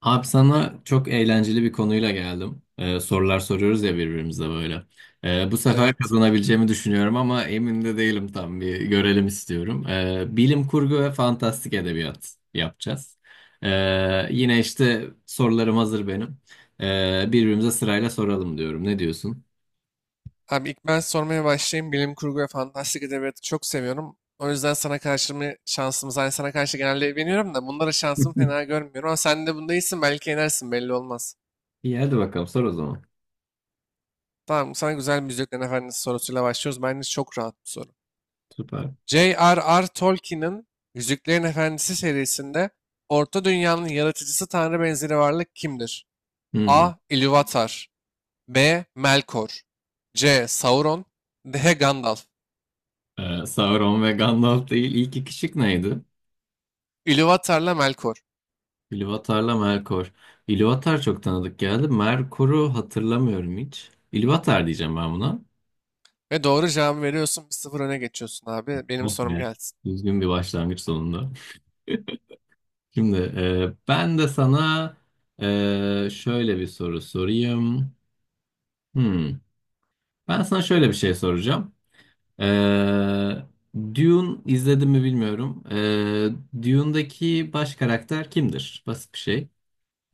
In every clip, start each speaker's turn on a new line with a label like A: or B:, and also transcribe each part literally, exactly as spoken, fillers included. A: Abi sana çok eğlenceli bir konuyla geldim. Ee, sorular soruyoruz ya birbirimize böyle. Ee, bu sefer
B: Evet.
A: kazanabileceğimi düşünüyorum ama emin de değilim tam bir görelim istiyorum. Ee, bilim kurgu ve fantastik edebiyat yapacağız. Ee, yine işte sorularım hazır benim. Ee, birbirimize sırayla soralım diyorum. Ne diyorsun?
B: Abi ilk ben sormaya başlayayım. Bilim kurgu ve fantastik edebiyatı çok seviyorum. O yüzden sana karşı mı şansımız? Hani sana karşı genelde evleniyorum da bunlara şansımı fena görmüyorum. Ama sen de bunda iyisin, belki yenersin, belli olmaz.
A: İyi hadi bakalım sor o zaman.
B: Tamam, sana güzel bir Yüzüklerin Efendisi sorusuyla başlıyoruz. Bence çok rahat bir soru.
A: Süper.
B: J R R. Tolkien'in Yüzüklerin Efendisi serisinde Orta Dünya'nın yaratıcısı tanrı benzeri varlık kimdir? A.
A: Hmm.
B: Ilúvatar, B. Melkor, C. Sauron, D. Gandalf.
A: Ee, Sauron ve Gandalf değil. İlk iki şık neydi?
B: Ilúvatar'la Melkor.
A: İlvatar'la Melkor. İlvatar çok tanıdık geldi. Merkor'u hatırlamıyorum hiç. İlvatar diyeceğim ben buna.
B: Ve doğru cevabı veriyorsun. Bir sıfır öne geçiyorsun abi. Benim
A: Oh
B: sorum
A: be.
B: gelsin.
A: Düzgün bir başlangıç sonunda. Şimdi e, ben de sana e, şöyle bir soru sorayım. Hmm. Ben sana şöyle bir şey soracağım. E, Dune izledim mi bilmiyorum. E, Dune'daki baş karakter kimdir? Basit bir şey.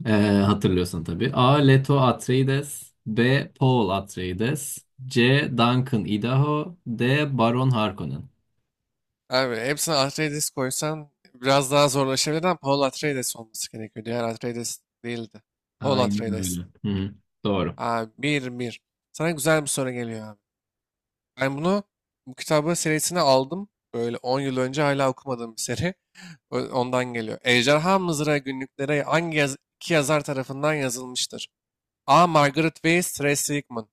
A: Ee, Hatırlıyorsun tabii. A. Leto Atreides B. Paul Atreides C. Duncan Idaho D. Baron Harkonnen.
B: Abi hepsine Atreides koysan biraz daha zorlaşabilir ama Paul Atreides olması gerekiyor. Diğer Atreides değildi. Paul
A: Aynen öyle.
B: Atreides.
A: Hı hı. Doğru.
B: Abi bir bir. Sana güzel bir soru geliyor abi. Ben bunu bu kitabı serisine aldım. Böyle on yıl önce, hala okumadığım bir seri. Ö- Ondan geliyor. Ejderha Mızrağı günlükleri hangi yaz- iki yazar tarafından yazılmıştır? A. Margaret Weiss, Ray Sigmund.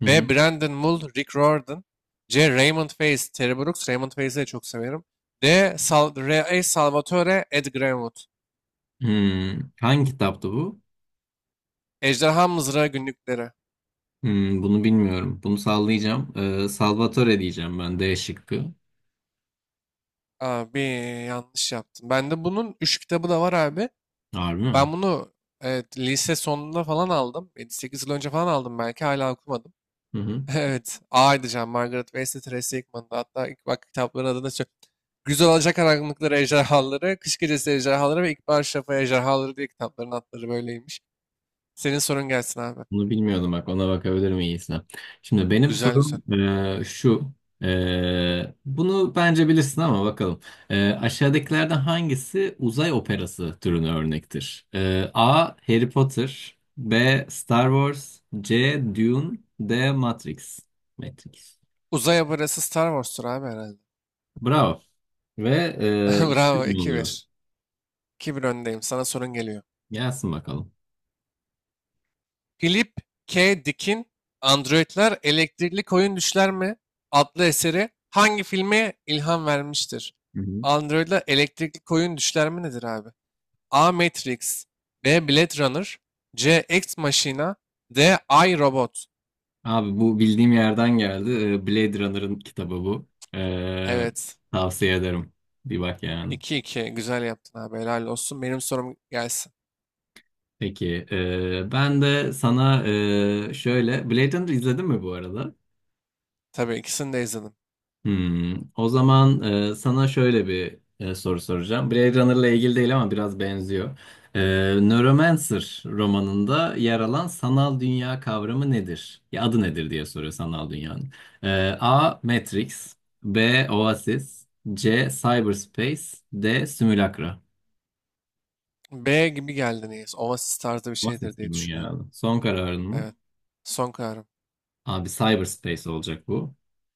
A: Hı
B: B.
A: hı.
B: Brandon Mull, Rick Riordan. C. Raymond Faze, Terry Brooks. Raymond Faze'i de çok severim. D. Sal R. Salvatore, Ed Greenwood.
A: Hmm. Hangi kitaptı bu?
B: Ejderha Mızrağı Günlükleri.
A: Hmm, bunu bilmiyorum. Bunu sallayacağım. Ee, Salvatore diyeceğim ben D şıkkı.
B: Abi yanlış yaptım. Bende bunun üç kitabı da var abi.
A: Harbi mi?
B: Ben bunu, evet, lise sonunda falan aldım. sekiz yıl önce falan aldım, belki hala okumadım.
A: Hı hı.
B: Evet. A edeceğim. Margaret Weis'le Tracy Hickman'da. Hatta ilk bak kitapların adını söyle. Güzel, Alacak Karanlıkları Ejderhaları, Kış Gecesi Ejderhaları ve İkbal Şafa Ejderhaları diye kitapların adları böyleymiş. Senin sorun gelsin abi.
A: Bunu bilmiyordum bak ona bakabilirim iyisine. Şimdi benim
B: Güzel güzel.
A: sorum e, şu. E, bunu bence bilirsin ama bakalım. E, aşağıdakilerden hangisi uzay operası türünü örnektir? E, A. Harry Potter B. Star Wars C. Dune D. Matrix. Matrix.
B: Uzay abarası Star Wars'tur abi herhalde.
A: Bravo. Ve e,
B: Bravo
A: iki mi
B: iki
A: oluyor?
B: bir. iki bir öndeyim. Sana sorun geliyor.
A: Gelsin bakalım.
B: Philip K. Dick'in Androidler Elektrikli Koyun Düşler mi? Adlı eseri hangi filme ilham vermiştir? Androidler Elektrikli Koyun Düşler mi nedir abi? A. Matrix, B. Blade Runner, C. Ex Machina, D. I, Robot.
A: Abi bu bildiğim yerden geldi. Ee, Blade Runner'ın kitabı bu. Ee,
B: Evet.
A: Tavsiye ederim. Bir bak yani.
B: iki iki. Güzel yaptın abi. Helal olsun. Benim sorum gelsin.
A: Peki, ee, ben de sana ee, şöyle Blade Runner izledin mi bu arada?
B: Tabii ikisini de izledim.
A: Hmm, o zaman e, sana şöyle bir e, soru soracağım. Blade Runner'la ilgili değil ama biraz benziyor. E, Neuromancer romanında yer alan sanal dünya kavramı nedir? Ya adı nedir diye soruyor sanal dünyanın. E, A. Matrix B. Oasis C. Cyberspace D. Simulacra.
B: B gibi geldi neyse. Oasis tarzı bir şeydir
A: Oasis
B: diye
A: gibi mi
B: düşünüyorum.
A: geldi? Son kararın mı?
B: Evet. Son kararım.
A: Abi Cyberspace olacak bu.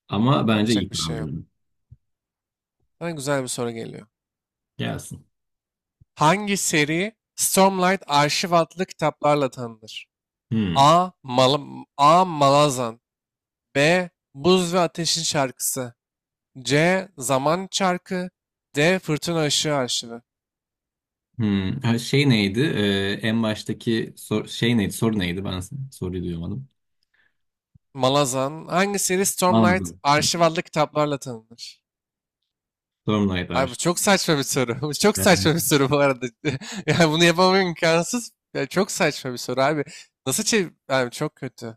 A: Ama bence iyi
B: Yapacak bir şey yok.
A: tahminim.
B: Sana güzel bir soru geliyor.
A: Gelsin.
B: Hangi seri Stormlight Arşiv adlı kitaplarla tanınır?
A: Hmm.
B: A. Mal A. Malazan, B. Buz ve Ateşin Şarkısı, C. Zaman Çarkı, D. Fırtına Işığı Arşivi.
A: Hmm, ha, şey neydi? Ee, en baştaki sor- şey neydi? Soru neydi? Ben soruyu duyamadım.
B: Malazan, hangi seri Stormlight
A: Anladım. Hı,
B: Arşiv adlı kitaplarla tanınır?
A: sorum neydi?
B: Abi
A: Ayşe?
B: bu çok saçma bir soru. Bu çok
A: Evet.
B: saçma bir soru bu arada. Yani bunu yapamam, imkansız. Ya çok saçma bir soru abi. Nasıl çev... Abi çok kötü.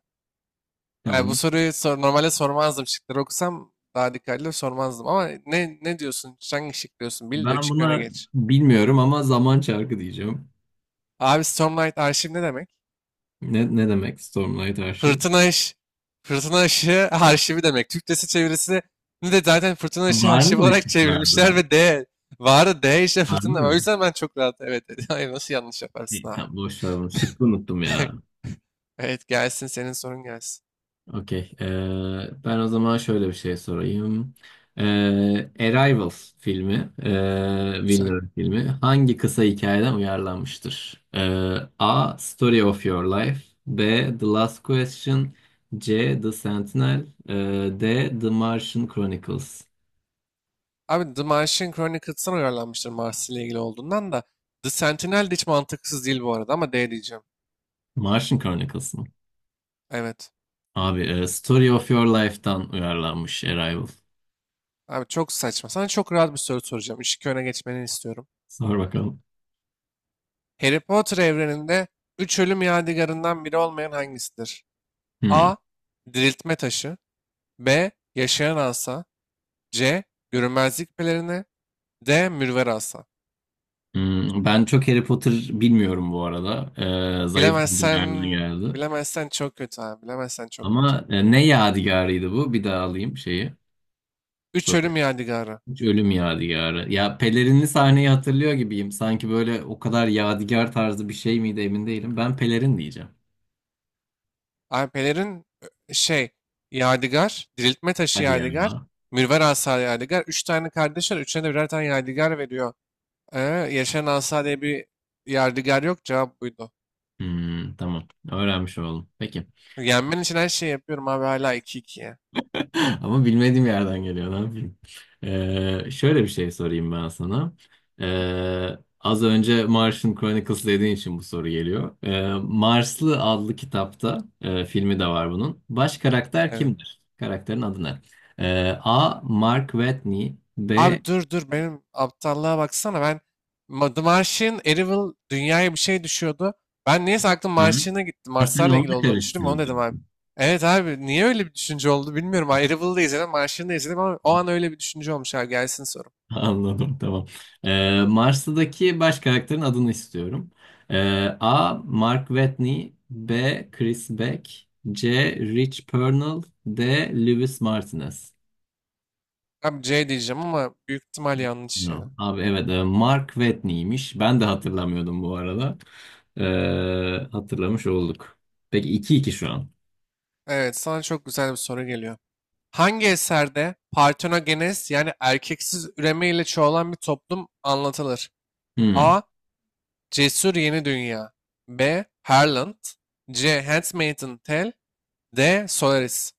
B: Yani bu
A: Tamam.
B: soruyu sor, normalde sormazdım. Şıkları okusam daha dikkatli sormazdım. Ama ne ne diyorsun? Hangi şık diyorsun? Bil de
A: Ben
B: üç iki öne
A: buna
B: geç.
A: bilmiyorum ama zaman çarkı diyeceğim.
B: Abi Stormlight arşiv ne demek?
A: Ne, ne demek Stormlight Archive?
B: Fırtına ış... Fırtına ışığı arşivi demek. Türkçesi, çevirisini de zaten fırtına ışığı
A: Var
B: arşiv
A: mıydı
B: olarak çevirmişler
A: şıklarda?
B: ve D. Varı D işte,
A: Var
B: fırtına.
A: mı?
B: O yüzden ben çok rahat evet dedim. Hayır, nasıl yanlış yaparsın
A: E,
B: abi?
A: tamam boş ver onu. Şıkkı unuttum ya.
B: Evet, gelsin, senin sorun gelsin.
A: Okey. Ee, ben o zaman şöyle bir şey sorayım. Ee, Arrival filmi, ee,
B: Güzel.
A: Villeneuve filmi hangi kısa hikayeden uyarlanmıştır? Ee, A. Story of Your Life B. The Last Question C. The Sentinel ee, D. The Martian Chronicles.
B: Abi The Martian Chronicles'tan uyarlanmıştır, Mars ile ilgili olduğundan da. The Sentinel de hiç mantıksız değil bu arada ama D diyeceğim.
A: Martian Chronicles mı?
B: Evet.
A: Abi, e, Story of Your Life'tan uyarlanmış Arrival.
B: Abi çok saçma. Sana çok rahat bir soru soracağım. Işık öne geçmeni istiyorum.
A: Sor bakalım.
B: Harry Potter evreninde üç ölüm yadigarından biri olmayan hangisidir?
A: Hmm.
B: A. Diriltme taşı. B. Yaşayan asa. C. Görünmezlik pelerini. D. Mürver asa.
A: Hmm, ben çok Harry Potter bilmiyorum bu arada. Ee, zayıf bir
B: Bilemezsen,
A: yerden geldi.
B: bilemezsen çok kötü abi. Bilemezsen çok kötü.
A: Ama e, ne yadigarıydı bu? Bir daha alayım şeyi.
B: Üç
A: Soruyu.
B: ölüm yadigarı.
A: Hiç ölüm yadigarı. Ya pelerinli sahneyi hatırlıyor gibiyim. Sanki böyle o kadar yadigar tarzı bir şey miydi emin değilim. Ben pelerin diyeceğim.
B: Alpelerin, e, şey, yadigar, diriltme taşı
A: Hadi yani.
B: yadigar, mürver asa yadigar. Üç tane kardeş var. Üçüne de birer tane yadigar veriyor. Ee, Yaşayan asa diye bir yadigar yok. Cevap buydu.
A: Hmm, tamam. Öğrenmiş oldum. Peki.
B: Yenmen için her şeyi yapıyorum abi, hala iki ikiye.
A: Ama bilmediğim yerden geliyor, ne yapayım? Ee, şöyle bir şey sorayım ben sana. Ee, az önce Martian Chronicles dediğin için bu soru geliyor. Ee, Marslı adlı kitapta, e, filmi de var bunun. Baş karakter
B: Evet.
A: kimdir? Karakterin adı ne? Ee, A. Mark Watney B.
B: Abi dur dur, benim aptallığa baksana, ben Ma- The Martian, Arrival dünyaya bir şey düşüyordu. Ben niyeyse aklım
A: Hı?
B: Martian'a gitti.
A: Ha, sen
B: Marslarla ilgili
A: onunla
B: olduğunu düşündüm. Onu dedim
A: karıştırdın.
B: abi. Evet abi, niye öyle bir düşünce oldu bilmiyorum. Abi Arrival'ı da izledim, Martian'ı da izledim ama o an öyle bir düşünce olmuş abi. Gelsin soru.
A: Anladım tamam. Ee, Mars'taki baş karakterin adını istiyorum. Ee, A. Mark Watney B. Chris Beck C. Rich Pernell D. Lewis Martinez.
B: Abi C diyeceğim ama büyük ihtimal yanlış
A: No.
B: ya.
A: Abi evet e, Mark Watney'miş. Ben de hatırlamıyordum bu arada. Ee, hatırlamış olduk. Peki iki iki şu an.
B: Evet, sana çok güzel bir soru geliyor. Hangi eserde partenogenes, yani erkeksiz üreme ile çoğalan bir toplum anlatılır?
A: Hmm.
B: A. Cesur Yeni Dünya. B. Harland. C. Handmaid's Tale. D. Solaris.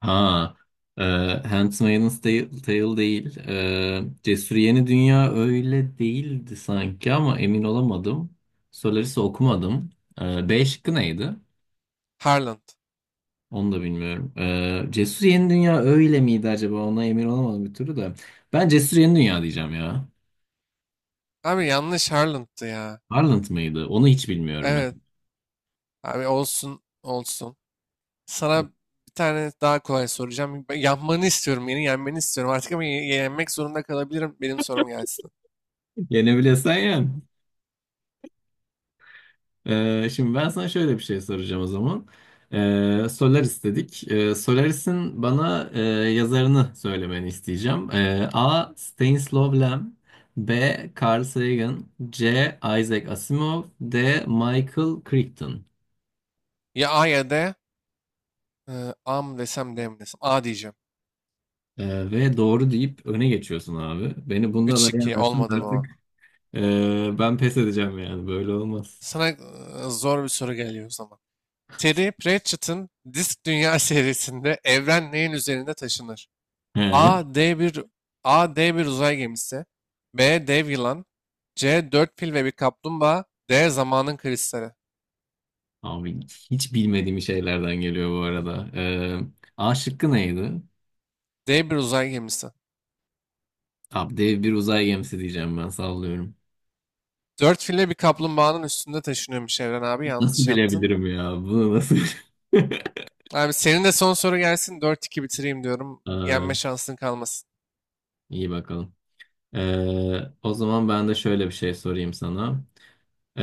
A: Ha, e, Handmaid's Tale, Tale değil. E, Cesur Yeni Dünya öyle değildi sanki ama emin olamadım. Solaris'i okumadım. E, B şıkkı neydi?
B: Harland.
A: Onu da bilmiyorum. E, Cesur Yeni Dünya öyle miydi acaba? Ona emin olamadım bir türlü de. Ben Cesur Yeni Dünya diyeceğim ya.
B: Abi yanlış, Harland'tı ya.
A: Harland mıydı? Onu hiç bilmiyorum ben.
B: Evet. Abi olsun olsun. Sana bir tane daha kolay soracağım. Yapmanı istiyorum. Yeni yenmeni istiyorum. Artık ama ye- yenmek zorunda kalabilirim. Benim sorum gelsin.
A: Yenebilesen ya. Ee, şimdi ben sana şöyle bir şey soracağım o zaman. Ee, Solaris dedik. Ee, Solaris'in bana e, yazarını söylemeni isteyeceğim. Ee, A. Stanislaw Lem B. Carl Sagan C. Isaac Asimov D. Michael Crichton.
B: Ya A ya D. Ee, A mı desem D mi desem. A diyeceğim.
A: Ee, ve doğru deyip öne geçiyorsun abi. Beni bunda da
B: üç iki
A: yenersin
B: olmadı bu.
A: artık. Ee, ben pes edeceğim yani. Böyle olmaz.
B: Sana e, zor bir soru geliyor o zaman. Terry Pratchett'ın Disk Dünya serisinde evren neyin üzerinde taşınır?
A: He.
B: A. D bir A. D bir uzay gemisi. B. Dev yılan. C. Dört fil ve bir kaplumbağa. D. Zamanın kristali.
A: Abi hiç bilmediğim şeylerden geliyor bu arada. Ee, A şıkkı neydi?
B: D bir uzay gemisi.
A: Abi dev bir uzay gemisi diyeceğim ben sallıyorum.
B: Dört fil ve bir kaplumbağanın üstünde taşınıyormuş evren abi.
A: Nasıl
B: Yanlış yaptın.
A: bilebilirim ya? Bunu nasıl
B: Abi senin de son soru gelsin. Dört iki bitireyim diyorum.
A: aa,
B: Yenme şansın kalmasın.
A: iyi bakalım. Ee, o zaman ben de şöyle bir şey sorayım sana. Ee,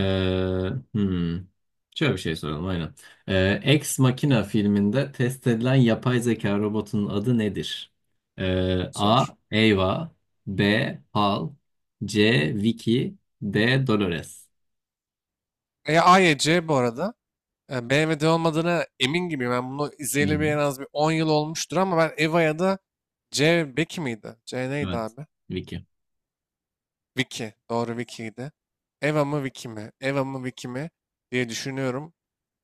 A: hmm, Şöyle bir şey soralım aynen. Ee, Ex Machina filminde test edilen yapay zeka robotunun adı nedir? Ee,
B: Zor.
A: A. Ava B. Hal C. Vicky D. Dolores.
B: E, A ya C bu arada. Yani B M W'de olmadığına emin gibiyim. Ben bunu
A: Hı
B: izleyeli
A: hı.
B: bir, en az bir on yıl olmuştur ama ben Eva ya da C Becky miydi? C neydi
A: Evet.
B: abi?
A: Vicky.
B: Vicky. Doğru, Vicky'ydi. Eva mı Vicky mi? Eva mı Vicky mi? Diye düşünüyorum.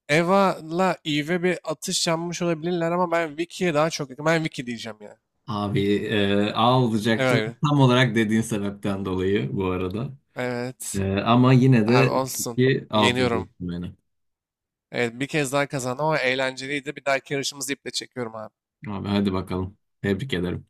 B: Eva'la Eve bir atış yanmış olabilirler ama ben Vicky'ye daha çok yakın. Ben Vicky diyeceğim ya.
A: Abi e, A olacaktı.
B: Evet.
A: Tam olarak dediğin sebepten dolayı bu arada.
B: Evet.
A: E, ama yine
B: Abi
A: de
B: olsun.
A: iki alt
B: Yeniyorum.
A: ediyorsun beni.
B: Evet, bir kez daha kazandım ama eğlenceliydi. Bir dahaki yarışımızı iple çekiyorum abi.
A: Abi hadi bakalım. Tebrik ederim.